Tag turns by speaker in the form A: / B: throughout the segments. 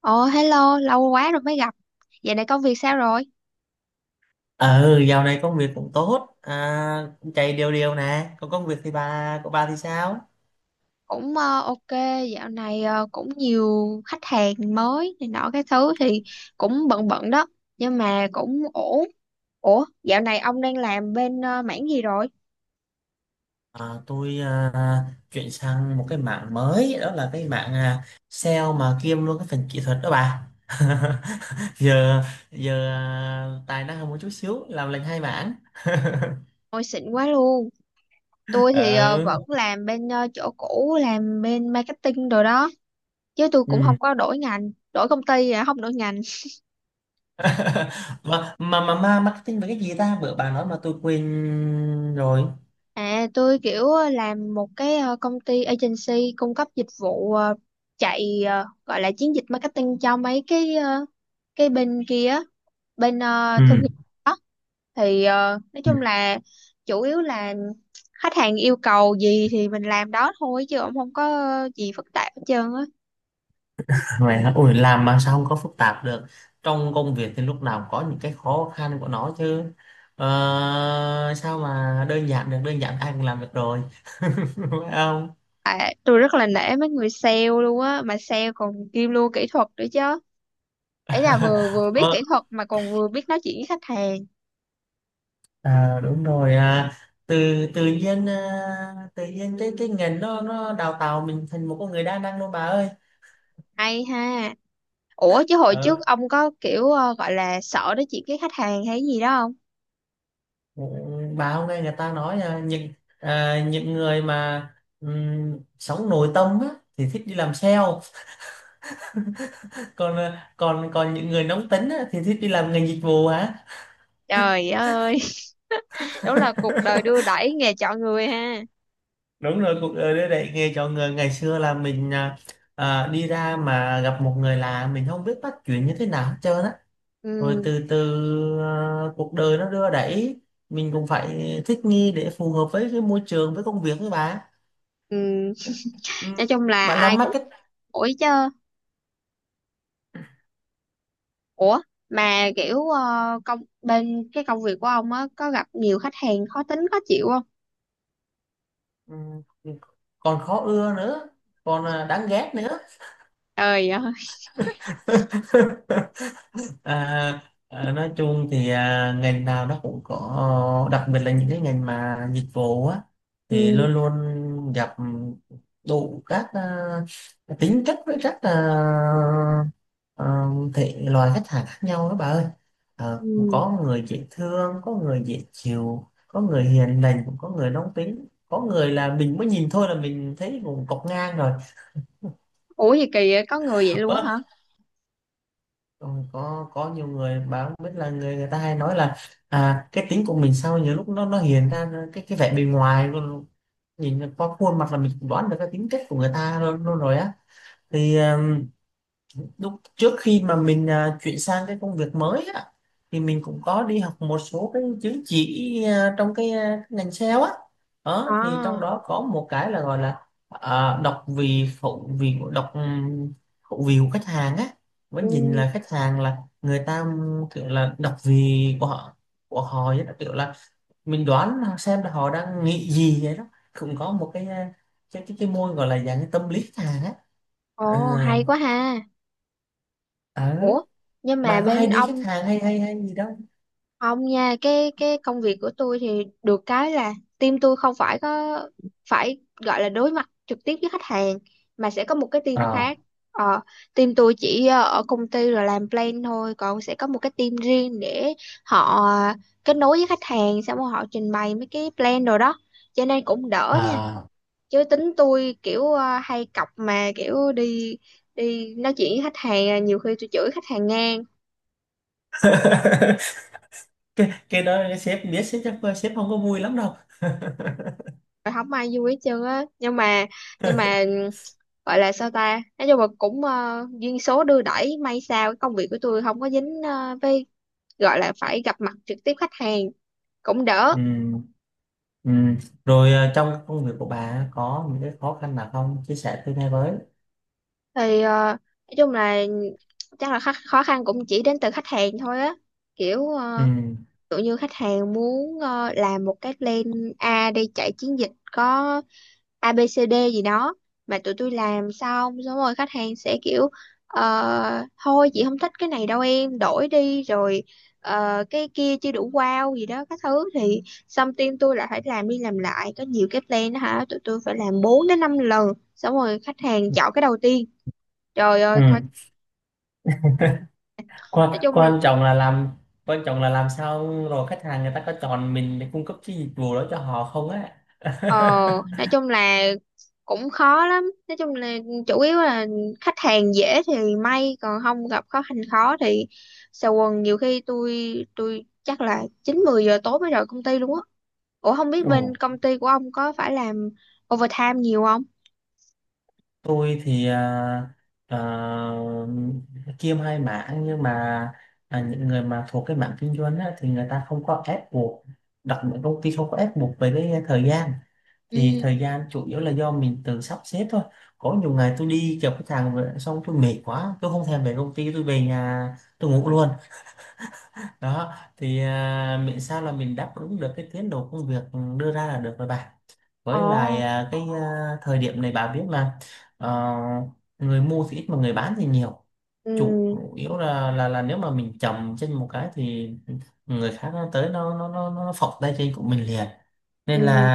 A: Ồ, hello, lâu quá rồi mới gặp. Dạo này công việc sao rồi?
B: Ừ, dạo này công việc cũng tốt, cũng chạy đều đều nè. Còn công việc thì của bà thì sao?
A: Cũng ok, dạo này cũng nhiều khách hàng mới này nọ cái thứ thì cũng bận bận đó, nhưng mà cũng ổn. Ủa, dạo này ông đang làm bên mảng gì rồi?
B: Tôi chuyển sang một cái mảng mới, đó là cái mảng sale mà kiêm luôn cái phần kỹ thuật đó bà. giờ giờ à, tài năng hơn một chút xíu, làm lành hai mảng.
A: Ôi xịn quá luôn. Tôi thì
B: Ừ.
A: vẫn làm bên chỗ cũ, làm bên marketing rồi đó, chứ tôi
B: Ừ.
A: cũng không có đổi ngành, đổi công ty, à, không đổi ngành.
B: Mà marketing về cái gì ta, bữa bà nói mà tôi quên rồi.
A: À, tôi kiểu làm một cái công ty agency cung cấp dịch vụ, chạy gọi là chiến dịch marketing cho mấy cái cái bên kia á, bên
B: Ừ.
A: thương hiệu, thì nói chung là chủ yếu là khách hàng yêu cầu gì thì mình làm đó thôi, chứ cũng không có gì phức tạp hết trơn á.
B: Vậy hả? Ui, làm mà sao không có phức tạp được, trong công việc thì lúc nào cũng có những cái khó khăn của nó chứ, sao mà đơn giản được, đơn giản ai cũng làm được rồi. Phải không?
A: À, tôi rất là nể mấy người sale luôn á, mà sale còn kiêm luôn kỹ thuật nữa chứ. Ấy là vừa vừa biết
B: ờ,
A: kỹ thuật mà còn vừa biết nói chuyện với khách hàng.
B: đúng rồi. Từ tự nhiên à, tự nhiên cái ngành nó đào tạo mình thành một con người đa năng luôn bà ơi.
A: Hay ha. Ủa chứ hồi trước
B: ờ,
A: ông có kiểu gọi là sợ nói chuyện với khách hàng hay gì đó không?
B: ừ, bà hôm nay người ta nói, những người mà sống nội tâm á, thì thích đi làm sale, còn ờ, còn còn những người nóng tính á, thì thích đi làm ngành dịch vụ hả.
A: Trời ơi, đúng là cuộc đời đưa đẩy, nghề chọn người ha.
B: Đúng rồi, cuộc đời đưa đẩy nghề chọn người. Ngày xưa là mình đi ra mà gặp một người lạ mình không biết bắt chuyện như thế nào hết trơn á. Rồi
A: Ừ,
B: từ từ, cuộc đời nó đưa đẩy mình cũng phải thích nghi để phù hợp với cái môi trường, với công việc, với bà.
A: ừ.
B: Ừ.
A: Nói chung là
B: Bạn
A: ai
B: làm
A: cũng
B: market.
A: ủi chứ. Ủa, mà kiểu bên cái công việc của ông á có gặp nhiều khách hàng khó tính khó chịu không?
B: Ừ. Còn khó ưa nữa, còn đáng ghét nữa.
A: Trời ơi.
B: À, nói chung thì ngành nào nó cũng có, đặc biệt là những cái ngành mà dịch vụ á, thì
A: Ừ,
B: luôn luôn gặp đủ các tính chất với các à, thể loại khách hàng khác nhau đó bà ơi. Cũng
A: ừ.
B: có người dễ thương, có người dễ chịu, có người hiền lành, cũng có người nóng tính, có người là mình mới nhìn thôi là mình thấy cũng cọc ngang rồi.
A: Ủa gì kỳ vậy? Có người vậy luôn á hả?
B: Rồi có nhiều người báo biết là người người ta hay nói là, cái tính của mình sao nhiều lúc nó hiện ra cái vẻ bề ngoài luôn. Nhìn qua khuôn mặt là mình cũng đoán được cái tính cách của người ta luôn, luôn rồi á. Thì lúc trước khi mà mình chuyển sang cái công việc mới á, thì mình cũng có đi học một số cái chứng chỉ trong cái ngành sale á. Đó thì trong
A: À,
B: đó có một cái là gọi là đọc vì phụ vị đọc, khẩu vị của khách hàng á. Mới nhìn
A: ừ.
B: là khách hàng là người ta kiểu là đọc vị của họ vậy đó, kiểu là mình đoán xem là họ đang nghĩ gì vậy đó. Cũng có một cái à, cái cái môn gọi là dạng tâm lý khách hàng á. Ờ.
A: Ồ, hay quá ha.
B: Ờ.
A: Ủa, nhưng mà
B: Bà có hay
A: bên
B: đi khách
A: ông.
B: hàng hay hay hay gì đâu.
A: Không nha, cái công việc của tôi thì được cái là team tôi không phải có phải gọi là đối mặt trực tiếp với khách hàng, mà sẽ có một cái team khác.
B: à
A: Ờ, team tôi chỉ ở công ty rồi làm plan thôi, còn sẽ có một cái team riêng để họ kết nối với khách hàng, xong rồi họ trình bày mấy cái plan rồi đó. Cho nên cũng đỡ nha.
B: à
A: Chứ tính tôi kiểu hay cọc mà kiểu đi đi nói chuyện với khách hàng, à, nhiều khi tôi chửi khách hàng ngang
B: cái đó sếp biết, sếp chắc sếp không có vui lắm đâu.
A: rồi, không ai vui hết trơn á. Nhưng mà gọi là sao ta, nói chung là cũng duyên số đưa đẩy may sao cái công việc của tôi không có dính với gọi là phải gặp mặt trực tiếp khách hàng, cũng đỡ.
B: Ừ. Ừ. Ừ. Rồi trong công việc của bà có những cái khó khăn nào không, chia sẻ tôi nghe với.
A: Thì nói chung là chắc là khó khăn cũng chỉ đến từ khách hàng thôi á, kiểu
B: Ừ.
A: kiểu như khách hàng muốn làm một cái plan A đi chạy chiến dịch có ABCD gì đó, mà tụi tôi làm xong xong rồi khách hàng sẽ kiểu thôi chị không thích cái này đâu em đổi đi, rồi cái kia chưa đủ wow gì đó các thứ, thì xong team tôi lại phải làm đi làm lại, có nhiều cái plan đó hả, tụi tôi phải làm 4 đến 5 lần, xong rồi khách hàng chọn cái đầu tiên, trời
B: Ừ.
A: ơi coi.
B: Quan,
A: nói chung
B: quan trọng là làm quan trọng là làm sao rồi khách hàng người ta có chọn mình để cung cấp cái dịch vụ đó cho họ không á.
A: Ờ, nói chung là cũng khó lắm. Nói chung là chủ yếu là khách hàng dễ thì may, còn không gặp khó khăn khó thì xà quần, nhiều khi tôi chắc là 9, 10 giờ tối mới rời công ty luôn á. Ủa không biết bên
B: Ồ.
A: công ty của ông có phải làm overtime nhiều không?
B: Tôi thì à, kiêm hai mảng, nhưng mà những người mà thuộc cái mảng kinh doanh á, thì người ta không có ép buộc, đặc biệt công ty không có ép buộc về cái thời gian. Thì
A: Ừ.
B: thời gian chủ yếu là do mình tự sắp xếp thôi. Có nhiều ngày tôi đi gặp khách hàng về, xong tôi mệt quá, tôi không thèm về công ty, tôi về nhà tôi ngủ luôn. Đó thì miễn sao là mình đáp ứng được cái tiến độ công việc đưa ra là được rồi bạn. Với lại
A: Ồ.
B: à, cái à, thời điểm này bà biết là ờ, người mua thì ít mà người bán thì nhiều.
A: Ừ.
B: Chủ yếu là, là nếu mà mình chậm trên một cái thì người khác nó tới nó phọc tay trên của mình liền, nên là
A: Ừ.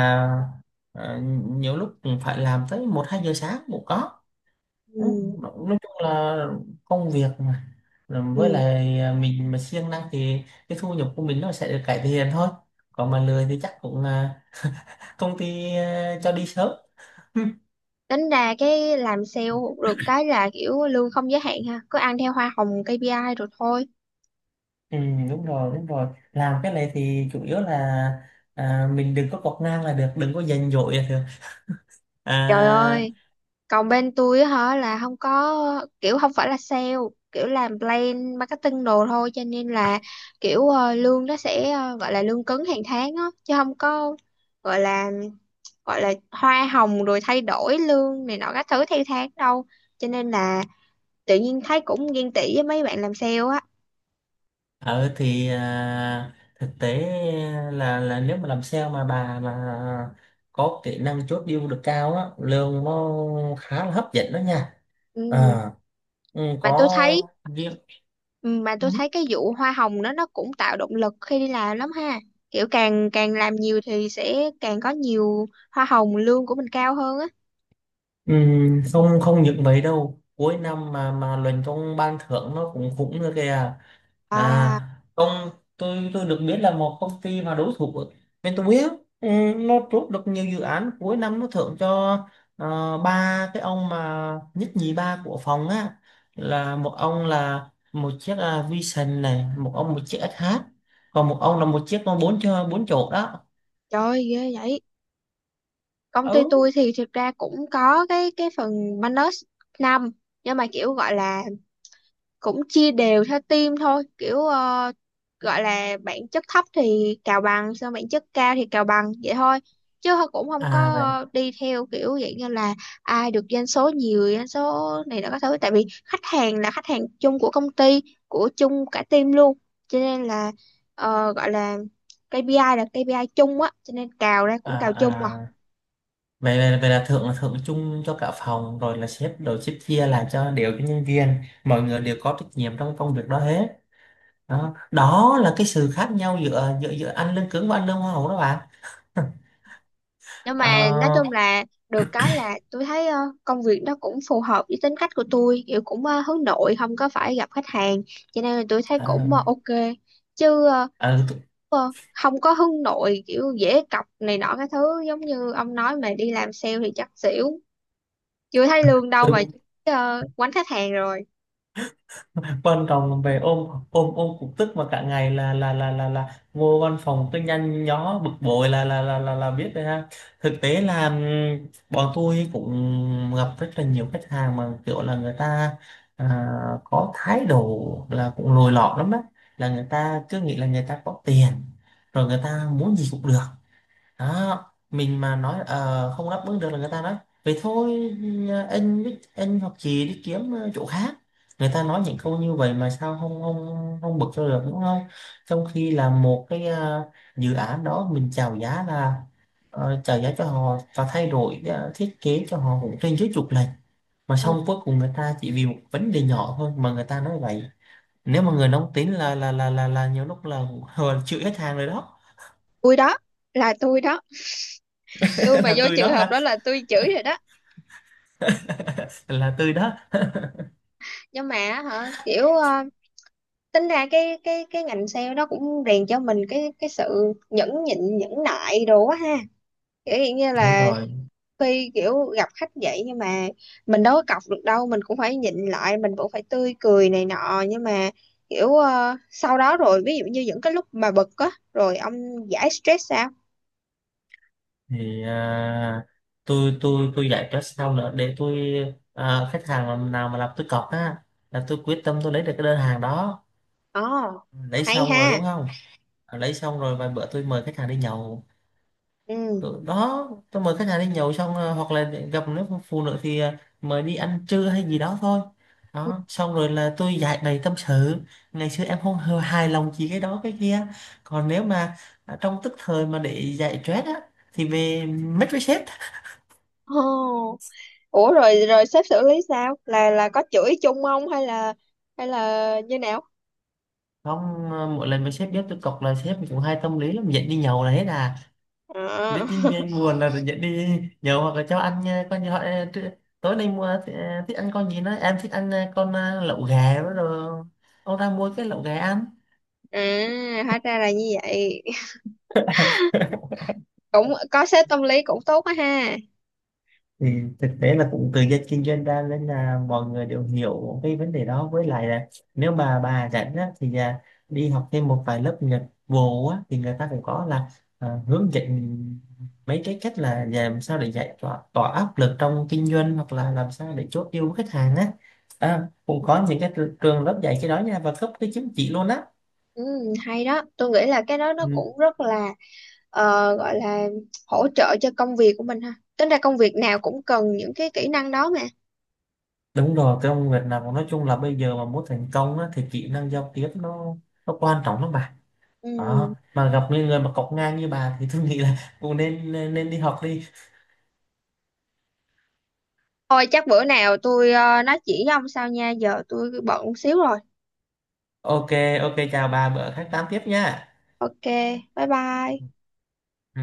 B: ờ, nhiều lúc cũng phải làm tới 1-2 giờ sáng cũng có. Ừ,
A: Ừ.
B: nói chung là công việc mà. Rồi với
A: Ừ.
B: lại, mình mà siêng năng thì cái thu nhập của mình nó sẽ được cải thiện thôi, còn mà lười thì chắc cũng công ty cho đi sớm.
A: Tính ra cái làm sale được cái là kiểu lương không giới hạn ha, cứ ăn theo hoa hồng KPI rồi thôi.
B: Ừ, đúng rồi, đúng rồi. Làm cái này thì chủ yếu là mình đừng có quạt ngang là được, đừng có giành giỏi là được.
A: Trời
B: à,
A: ơi, còn bên tôi á hả là không có kiểu, không phải là sale, kiểu làm plan marketing đồ thôi, cho nên là kiểu lương nó sẽ gọi là lương cứng hàng tháng á, chứ không có gọi là hoa hồng rồi thay đổi lương này nọ các thứ theo tháng đâu, cho nên là tự nhiên thấy cũng ghen tị với mấy bạn làm sale á.
B: thực tế là, nếu mà làm sale mà bà mà có kỹ năng chốt deal được cao á, lương nó khá là hấp dẫn đó nha.
A: Ừ.
B: À, ừ,
A: Mà tôi
B: có
A: thấy.
B: việc.
A: Ừ, mà
B: Ừ,
A: tôi thấy cái vụ hoa hồng đó nó cũng tạo động lực khi đi làm lắm ha, kiểu càng càng làm nhiều thì sẽ càng có nhiều hoa hồng, lương của mình cao hơn á.
B: ừ, không không những mấy đâu, cuối năm mà luận công ban thưởng nó cũng cũng nữa kìa.
A: À,
B: à công tôi được biết là một công ty mà đối thủ của bên tôi biết, ừ, nó chốt được nhiều dự án, cuối năm nó thưởng cho ba cái ông mà nhất nhì ba của phòng á, là một ông là một chiếc Vision này, một ông một chiếc SH, còn một ông là một chiếc con bốn cho, bốn chỗ đó.
A: trời ơi, ghê vậy. Công ty
B: Ừ.
A: tôi thì thực ra cũng có cái phần bonus năm, nhưng mà kiểu gọi là cũng chia đều theo team thôi, kiểu gọi là bản chất thấp thì cào bằng, xong bản chất cao thì cào bằng vậy thôi, chứ thôi cũng không
B: à
A: có
B: vậy
A: đi theo kiểu vậy như là ai được doanh số nhiều doanh số này nó có thứ, tại vì khách hàng là khách hàng chung của công ty, của chung cả team luôn, cho nên là gọi là KPI là KPI chung á, cho nên cào ra
B: à
A: cũng cào chung.
B: à vậy là thưởng là thưởng chung cho cả phòng, rồi là sếp chia lại cho đều cho nhân viên, mọi người đều có trách nhiệm trong công việc đó hết. Đó, đó là cái sự khác nhau giữa giữa giữa ăn lương cứng và ăn lương hoa hậu đó bạn.
A: Nhưng
B: Ờ.
A: mà nói chung là được cái là tôi thấy công việc nó cũng phù hợp với tính cách của tôi, kiểu cũng hướng nội, không có phải gặp khách hàng, cho nên là tôi thấy
B: Ờ.
A: cũng ok. Chứ
B: Ờ.
A: không có hướng nội kiểu dễ cọc này nọ cái thứ giống như ông nói, mà đi làm sale thì chắc xỉu, chưa thấy lương đâu mà quánh khách hàng rồi.
B: Văn phòng về ôm ôm ôm cục tức mà cả ngày, là vô văn phòng cứ nhăn nhó bực bội, là biết rồi ha. Thực tế là bọn tôi cũng gặp rất là nhiều khách hàng mà kiểu là người ta à, có thái độ là cũng lồi lọt lắm á, là người ta cứ nghĩ là người ta có tiền rồi người ta muốn gì cũng được. Đó, mình mà nói không đáp ứng được là người ta nói vậy thôi. Anh biết, anh hoặc chị đi kiếm chỗ khác. Người ta nói những câu như vậy mà sao không không không bực cho được, đúng không? Trong khi là một cái dự án đó mình chào giá là chào giá cho họ và thay đổi thiết kế cho họ cũng trên dưới chục lần. Mà
A: Ừ,
B: xong cuối cùng người ta chỉ vì một vấn đề nhỏ thôi mà người ta nói vậy, nếu mà người nóng tính là nhiều lúc là chịu hết hàng rồi đó.
A: tôi đó, là tôi đó, tôi mà
B: Là
A: vô
B: tôi
A: trường
B: đó
A: hợp
B: hả?
A: đó là tôi chửi rồi đó.
B: Là tôi đó.
A: Nhưng mà á hả, kiểu tính ra cái cái ngành sale đó cũng rèn cho mình cái sự nhẫn nhịn nhẫn nại đồ quá ha, kiểu hiện như
B: Đúng
A: là
B: rồi.
A: khi kiểu gặp khách vậy, nhưng mà mình đâu có cọc được đâu, mình cũng phải nhịn lại, mình cũng phải tươi cười này nọ, nhưng mà kiểu sau đó rồi ví dụ như những cái lúc mà bực á, rồi ông giải stress sao?
B: Thì tôi giải quyết xong nữa để tôi nào mà làm tôi cọc á, là tôi quyết tâm tôi lấy được cái đơn hàng đó,
A: Ồ,
B: lấy
A: hay
B: xong rồi
A: ha.
B: đúng không? Lấy xong rồi vài bữa tôi mời khách hàng đi nhậu,
A: Ừ,
B: tôi đó, tôi mời khách hàng đi nhậu xong, hoặc là gặp nếu phụ nữ thì mời đi ăn trưa hay gì đó thôi.
A: ừ.
B: Đó, xong rồi là tôi giải bày tâm sự ngày xưa em không hề hài lòng gì cái đó, cái kia. Còn nếu mà trong tức thời mà để giải stress á, thì về mất với sếp.
A: Ồ, ủa rồi rồi sếp xử lý sao? Là có chửi chung không, hay là như nào?
B: Không, mỗi lần với sếp biết tôi cọc là sếp cũng hay tâm lý lắm, dẫn đi nhậu là hết à.
A: À.
B: Biết nhân viên buồn là dẫn đi nhậu, hoặc là cho ăn nha, con như họ tối nay mua thích ăn con gì đó, em thích ăn lẩu gà đó rồi, ông ra mua cái lẩu gà ăn.
A: À, hóa ra là như vậy. Cũng có sếp tâm lý cũng tốt quá ha.
B: Thì thực tế là cũng từ dân kinh doanh ra nên là mọi người đều hiểu cái vấn đề đó. Với lại là nếu mà bà rảnh á, thì đi học thêm một vài lớp Nhật vụ á, thì người ta cũng có là hướng dẫn mấy cái cách là làm sao để giải tỏa áp lực trong kinh doanh, hoặc là làm sao để chốt deal với khách hàng á. Cũng có những cái trường lớp dạy cái đó nha và cấp cái chứng chỉ luôn á.
A: Ừ, hay đó. Tôi nghĩ là cái đó nó
B: Ừ.
A: cũng rất là gọi là hỗ trợ cho công việc của mình ha. Tính ra công việc nào cũng cần những cái kỹ năng đó mà.
B: Đúng rồi, cái ông Việt nào nói chung là bây giờ mà muốn thành công á, thì kỹ năng giao tiếp nó quan trọng lắm bà. Đó,
A: Ừ.
B: mà gặp những người mà cọc ngang như bà thì tôi nghĩ là cũng nên nên nên đi học đi.
A: Thôi chắc bữa nào tôi nói chỉ với ông sau nha. Giờ tôi bận xíu rồi.
B: Ok. Ok, chào bà, bữa khác tám tiếp nha.
A: Ok, bye bye.
B: Ừ.